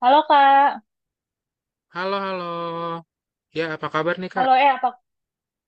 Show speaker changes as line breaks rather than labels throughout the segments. Halo Kak,
Halo, halo. Ya, apa kabar nih, Kak?
halo apa?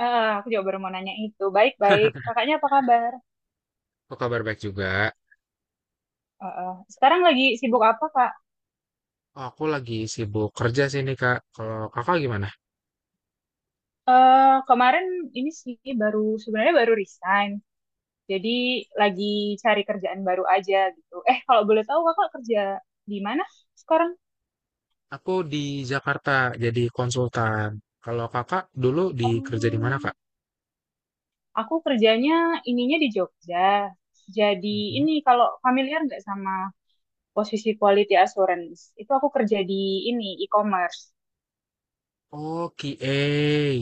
Aku juga baru mau nanya itu. Baik-baik, kakaknya apa kabar?
Aku kabar baik juga.
Eh, eh, Sekarang lagi sibuk apa Kak?
Oh, aku lagi sibuk kerja sih nih, Kak. Kalau Kakak gimana?
Eh kemarin ini sih baru sebenarnya baru resign, jadi lagi cari kerjaan baru aja gitu. Kalau boleh tahu kakak kerja di mana sekarang?
Aku di Jakarta jadi konsultan. Kalau Kakak dulu di kerja di mana, Kak?
Oh, aku kerjanya ininya di Jogja. Jadi
Mhm.
ini kalau familiar nggak sama posisi quality assurance, itu aku kerja di ini e-commerce.
Oh, QA.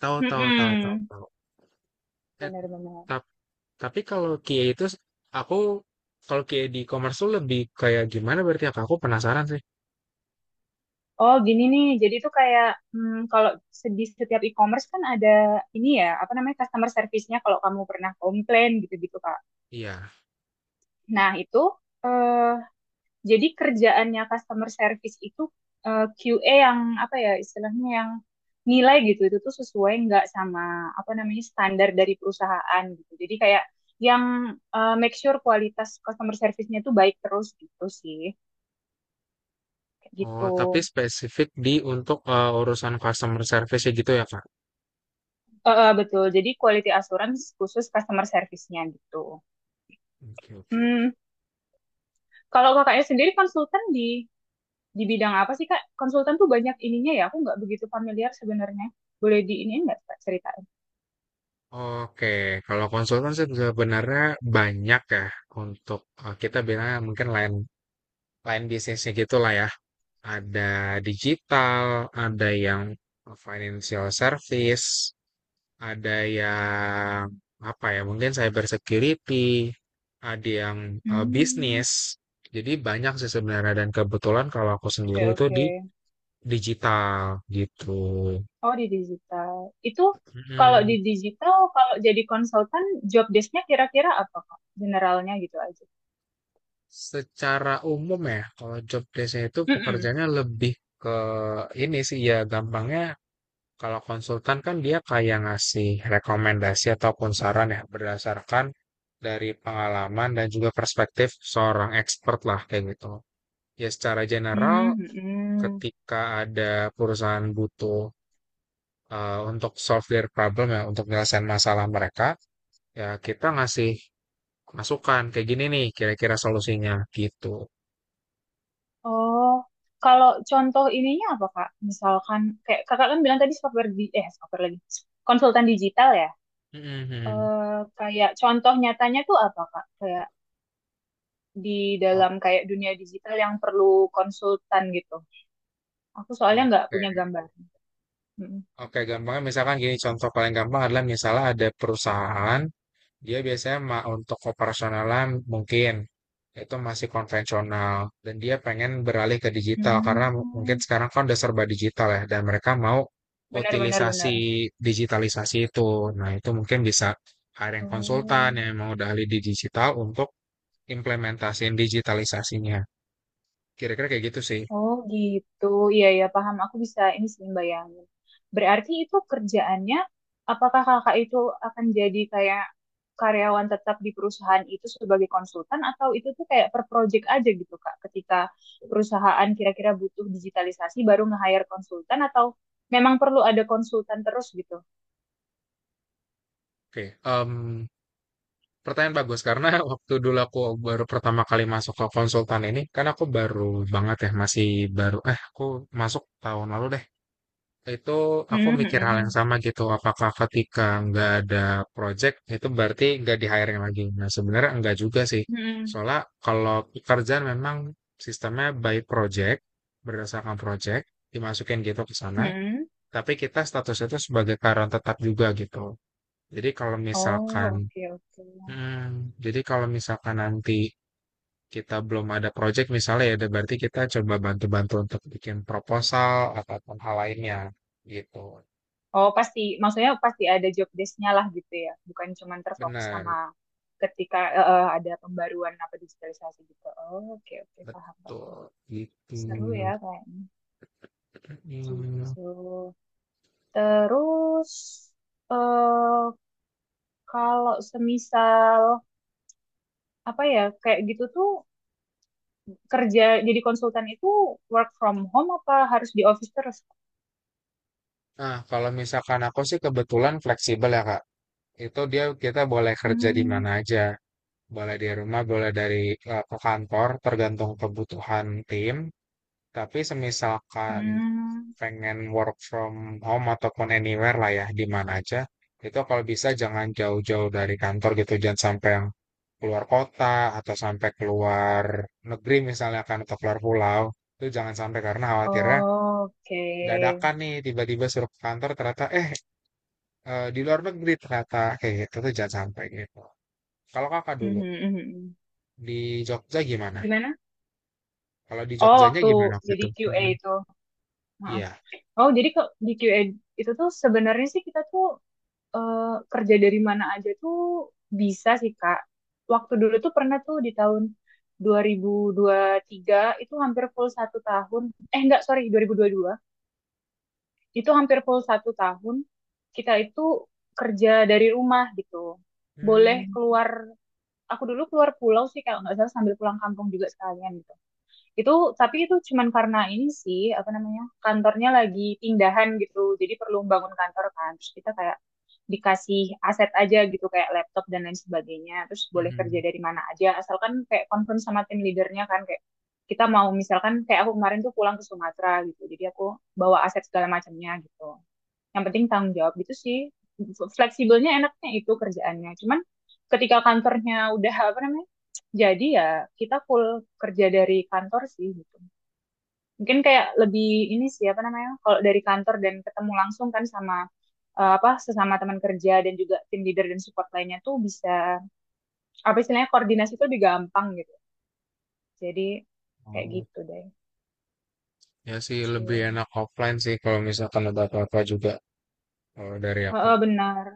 Tahu, tahu, tahu, tahu,
Hmm,
tahu. Eh,
benar-benar.
tap- tapi kalau QA itu aku kalau QA di e-commerce tuh lebih kayak gimana berarti ya, Kak? Aku penasaran sih.
Oh, gini nih. Jadi tuh kayak kalau di setiap e-commerce kan ada ini ya, apa namanya customer service-nya kalau kamu pernah komplain gitu-gitu, Kak.
Iya.
Nah, itu eh, jadi kerjaannya customer service itu QA yang apa ya istilahnya yang nilai gitu itu tuh sesuai nggak sama apa namanya standar dari perusahaan gitu. Jadi kayak yang make sure kualitas customer service-nya tuh baik terus gitu sih. Kayak gitu.
Oh, tapi spesifik di untuk urusan customer service ya gitu ya, Kak?
Betul. Jadi quality assurance khusus customer service-nya gitu.
Oke, oke, oke.
Hmm, kalau kakaknya sendiri konsultan di bidang apa sih Kak? Konsultan tuh banyak ininya ya. Aku nggak begitu familiar sebenarnya. Boleh di ini nggak Kak, ceritain?
Oke, kalau konsultan sih sebenarnya banyak ya untuk kita bilang mungkin lain lain bisnisnya gitulah ya. Ada digital, ada yang financial service, ada yang apa ya? Mungkin cyber security, ada yang
Hmm,
bisnis. Jadi banyak sih sebenarnya dan kebetulan kalau aku
oke
sendiri itu
oke.
di digital gitu.
Oh di digital. Itu kalau di
Mm-mm.
digital, kalau jadi konsultan, job desk-nya kira-kira apa Kak? Generalnya gitu aja.
Secara umum ya, kalau job desk itu
Mm-mm.
pekerjaannya lebih ke ini sih ya gampangnya kalau konsultan kan dia kayak ngasih rekomendasi ataupun saran ya berdasarkan dari pengalaman dan juga perspektif seorang expert lah kayak gitu. Ya secara general
Hmm, mm-mm.
ketika ada perusahaan butuh untuk solve their problem ya untuk menyelesaikan masalah mereka ya kita ngasih masukan kayak gini nih kira-kira solusinya gitu.
Oh, kalau contoh ininya apa Kak? Misalkan kayak Kakak kan bilang tadi software di eh software lagi. Konsultan digital ya.
Mhm.
Kayak contoh nyatanya tuh apa Kak? Kayak di dalam kayak dunia digital yang perlu konsultan gitu. Aku soalnya nggak
Oke,
punya gambar. Mm.
oke gampangnya misalkan gini contoh paling gampang adalah misalnya ada perusahaan dia biasanya untuk operasionalnya mungkin itu masih konvensional dan dia pengen beralih ke digital karena mungkin
Hmm.
sekarang kan udah serba digital ya dan mereka mau
Benar benar
utilisasi
benar.
digitalisasi itu. Nah, itu mungkin bisa hiring konsultan
Oh.
yang mau udah ahli di digital untuk implementasiin digitalisasinya. Kira-kira kayak gitu sih.
Oh gitu, iya ya paham. Aku bisa ini sih bayangin. Berarti itu kerjaannya, apakah kakak itu akan jadi kayak karyawan tetap di perusahaan itu sebagai konsultan atau itu tuh kayak per project aja gitu kak? Ketika perusahaan kira-kira butuh digitalisasi baru nge-hire konsultan atau memang perlu ada konsultan terus gitu?
Oke, pertanyaan bagus karena waktu dulu aku baru pertama kali masuk ke konsultan ini kan aku baru banget ya masih baru aku masuk tahun lalu deh itu aku
Hmm,
mikir hal yang
hmm,
sama gitu apakah ketika nggak ada project itu berarti nggak di hiring lagi. Nah, sebenarnya enggak juga sih,
hmm, hmm,
soalnya kalau pekerjaan memang sistemnya by project, berdasarkan project dimasukin gitu ke sana,
hmm.
tapi kita status itu sebagai karyawan tetap juga gitu. Jadi kalau
Oh
misalkan
oke oke.
Hmm, jadi kalau misalkan nanti kita belum ada project misalnya ya, berarti kita coba bantu-bantu untuk bikin proposal ataupun hal lainnya gitu.
Oh, pasti. Maksudnya pasti ada job desk-nya lah gitu ya. Bukan cuma terfokus
Benar,
sama ketika ada pembaruan apa digitalisasi gitu. Oh, oke, oke. Paham, paham.
betul gitu.
Seru ya kayaknya.
Hmm.
Gitu. Terus, eh kalau semisal, apa ya, kayak gitu tuh kerja jadi konsultan itu work from home apa harus di office terus?
Nah, kalau misalkan aku sih kebetulan fleksibel ya Kak. Itu dia kita boleh kerja di
Hmm,
mana aja. Boleh di rumah, boleh dari ke kantor, tergantung kebutuhan tim. Tapi semisalkan
hmm.
pengen work from home ataupun anywhere lah ya, di mana aja, itu kalau bisa jangan jauh-jauh dari kantor gitu, jangan sampai yang keluar kota atau sampai keluar negeri misalnya kan atau keluar pulau, itu jangan sampai karena khawatirnya
Oh, oke.
dadakan nih tiba-tiba suruh ke kantor ternyata di luar negeri ternyata kayak gitu tuh jangan sampai gitu. Kalau kakak dulu
Mhm, mhm, mhm.
di Jogja gimana?
Gimana?
Kalau di
Oh,
Jogjanya
waktu
gimana waktu
jadi
itu?
QA
Hmm,
itu. Heeh.
iya.
Oh, jadi di QA itu tuh sebenarnya sih kita tuh eh, kerja dari mana aja tuh bisa sih, Kak. Waktu dulu tuh pernah tuh di tahun dua ribu dua ribu tiga itu hampir full satu tahun. Enggak, sorry, dua dua ribu dua puluh dua. Itu hampir full satu tahun. Kita itu kerja dari rumah gitu. Boleh
Hmm,
keluar, aku dulu keluar pulau sih kalau nggak salah sambil pulang kampung juga sekalian. Itu tapi itu cuman karena ini sih apa namanya? Kantornya lagi pindahan gitu. Jadi perlu bangun kantor kan. Terus kita kayak dikasih aset aja gitu kayak laptop dan lain sebagainya. Terus boleh kerja
mhm.
dari mana aja asalkan kayak confirm sama tim leadernya kan kayak kita mau misalkan kayak aku kemarin tuh pulang ke Sumatera gitu. Jadi aku bawa aset segala macamnya gitu yang penting tanggung jawab gitu sih. Fleksibelnya enaknya itu kerjaannya cuman ketika kantornya udah apa namanya jadi ya kita full kerja dari kantor sih gitu, mungkin kayak lebih ini sih apa namanya kalau dari kantor dan ketemu langsung kan sama apa sesama teman kerja dan juga tim leader dan support lainnya tuh bisa apa istilahnya koordinasi tuh lebih gampang gitu jadi kayak
Oh.
gitu deh.
Ya sih lebih
Cul.
enak offline sih kalau misalkan ada apa-apa juga kalau dari aku.
Heeh, benar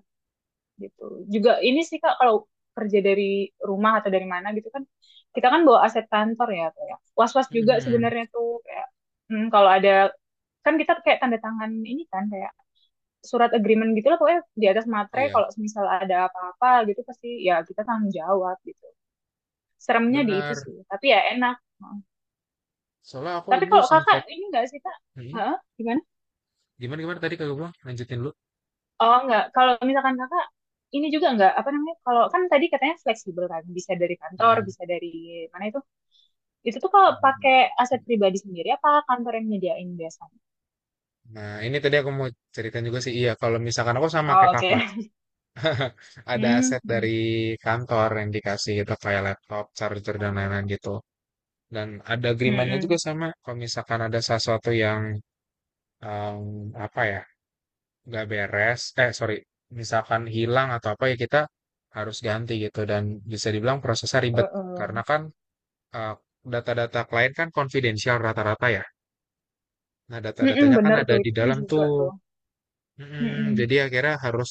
gitu. Juga ini sih Kak kalau kerja dari rumah atau dari mana gitu kan kita kan bawa aset kantor ya kayak was-was juga
Mhm.
sebenarnya tuh kayak kalau ada kan kita kayak tanda tangan ini kan kayak surat agreement gitu lah pokoknya di atas materai
Iya,
kalau misal ada apa-apa gitu pasti ya kita tanggung jawab gitu. Seremnya di itu
benar.
sih, tapi ya enak. Hmm.
Soalnya aku
Tapi
dulu
kalau
sempat.
kakak ini enggak sih kak?
Hmm?
Hah? Gimana?
Gimana gimana tadi kagak bilang lanjutin dulu.
Oh enggak, kalau misalkan kakak ini juga enggak apa namanya? Kalau kan tadi katanya fleksibel kan, bisa dari kantor,
Mhm.
bisa dari mana itu? Itu tuh kalau pakai aset pribadi sendiri apa kantor yang nyediain biasanya?
Nah, ini tadi aku mau cerita juga sih. Iya, kalau misalkan aku sama kayak
Oh, oke.
kakak, ada aset
Hmm.
dari kantor yang dikasih gitu kayak laptop, charger dan lain-lain
Oh,
gitu. Dan ada agreementnya juga
hmm.
sama. Kalau misalkan ada sesuatu yang em, apa ya nggak beres, eh sorry, misalkan hilang atau apa ya kita harus ganti gitu dan bisa dibilang prosesnya
eh,
ribet karena kan eh, data-data klien kan konfidensial rata-rata ya. Nah
Hmm,
data-datanya kan
bener
ada
tuh
di
itu. Eh.
dalam
Juga
tuh.
tuh.
Mm,
Hmm.
jadi akhirnya harus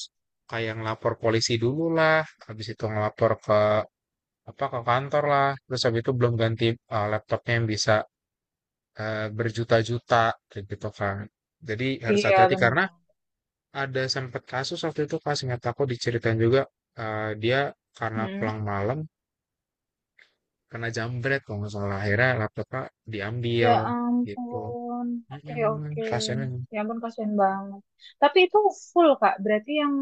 kayak ngelapor polisi dulu lah, habis itu ngelapor ke apa ke kantor lah, terus habis itu belum ganti laptopnya yang bisa berjuta-juta kayak gitu kan. Jadi harus
Iya,
hati-hati karena
benar.
ada sempat kasus waktu itu pas ingat aku diceritain juga dia karena
Hmm.
pulang malam kena jambret kalau nggak salah akhirnya laptopnya diambil
Ya
gitu.
ampun. Oke,
Mm-mm,
oke.
pasiennya.
Ya ampun, kasihan banget. Tapi itu full, Kak. Berarti yang,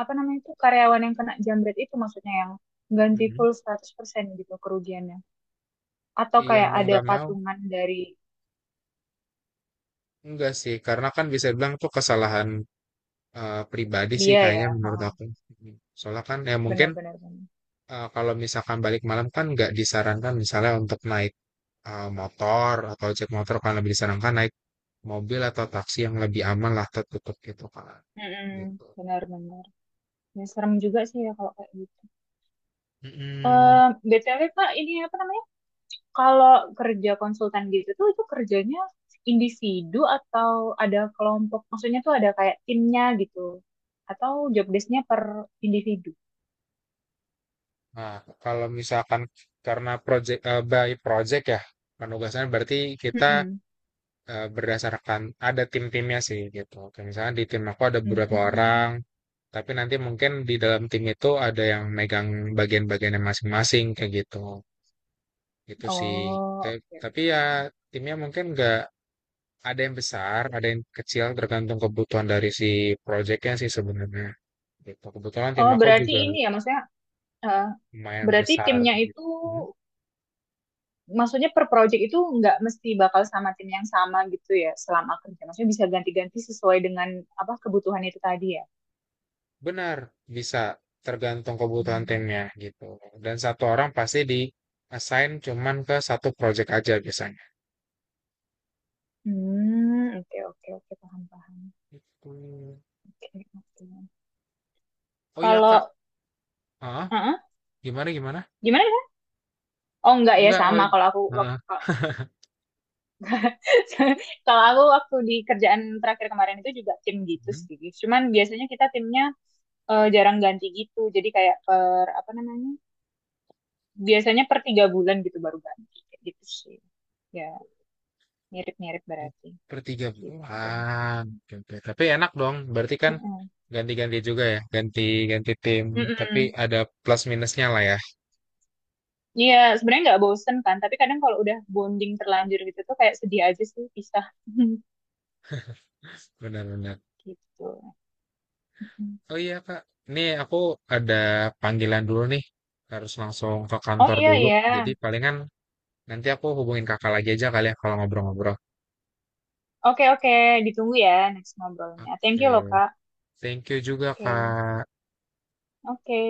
apa namanya itu, karyawan yang kena jambret itu maksudnya yang ganti
Mm-mm.
full 100% gitu kerugiannya. Atau
Iya
kayak
mau
ada
nggak mau
patungan dari
enggak sih karena kan bisa bilang tuh kesalahan pribadi sih
dia ya.
kayaknya
Ha,
menurut aku. Mm. Soalnya kan ya mungkin
benar, benar, benar.
kalau misalkan balik malam kan nggak disarankan misalnya untuk naik motor atau ojek motor kan lebih disarankan naik mobil atau taksi yang lebih aman lah tertutup gitu kan
Mm-mm,
gitu.
benar-benar. Ya, serem juga sih ya kalau kayak gitu.
Mm-mm.
Eh, BTW Pak, ini apa namanya? Kalau kerja konsultan gitu tuh itu kerjanya individu atau ada kelompok? Maksudnya tuh ada kayak timnya gitu? Atau job desk-nya per individu?
Nah kalau misalkan karena project by project ya penugasan berarti kita
Mm-mm.
berdasarkan ada tim-timnya sih gitu kayak misalnya di tim aku ada beberapa orang
Mm.
tapi nanti mungkin di dalam tim itu ada yang megang bagian-bagiannya masing-masing kayak gitu itu sih.
Oh, oke,
Tapi ya
oke.
timnya mungkin nggak ada yang besar ada yang kecil tergantung kebutuhan dari si projectnya sih sebenarnya. Gitu. Kebetulan tim
Oh,
aku
berarti
juga
ini ya maksudnya eh,
lumayan
berarti
besar
timnya itu
gitu. Hmm,
maksudnya per project itu nggak mesti bakal sama tim yang sama gitu ya selama kerja. Maksudnya bisa ganti-ganti sesuai dengan apa kebutuhan itu tadi ya.
benar, bisa tergantung kebutuhan
Hmm,
timnya gitu. Dan satu orang pasti di assign cuman ke 1 project aja biasanya.
hmm, oke oke oke paham paham.
Gitu.
Oke oke.
Oh iya
Kalau
Kak, ah
Heeh.
gimana gimana?
Gimana? Ya? Oh enggak ya
Enggak, oh
sama.
in- ah. Mhm.
Kalau aku waktu di kerjaan terakhir kemarin itu juga tim gitu sih. Cuman biasanya kita timnya jarang ganti gitu. Jadi kayak per apa namanya? Biasanya per 3 bulan gitu baru ganti. Kayak gitu sih. Ya mirip-mirip
Oh,
berarti.
per tiga
Gitu.
bulan. Oke, oke. Tapi enak dong, berarti kan
Mm-mm.
ganti-ganti juga ya, ganti-ganti tim. Tapi
Mm-mm.
ada plus minusnya lah ya,
Iya, sebenarnya nggak bosen kan, tapi kadang kalau udah bonding terlanjur gitu tuh kayak sedih aja sih pisah
benar-benar.
gitu. Mm-mm.
Oh iya Kak, nih aku ada panggilan dulu nih. Harus langsung ke
Oh
kantor
iya
dulu. Jadi
iya.
palingan nanti aku hubungin kakak lagi aja kali ya kalau ngobrol-ngobrol.
Oke oke, ditunggu ya next ngobrolnya. Thank
Oke,
you loh Kak.
thank you juga
Oke
Kak.
oke.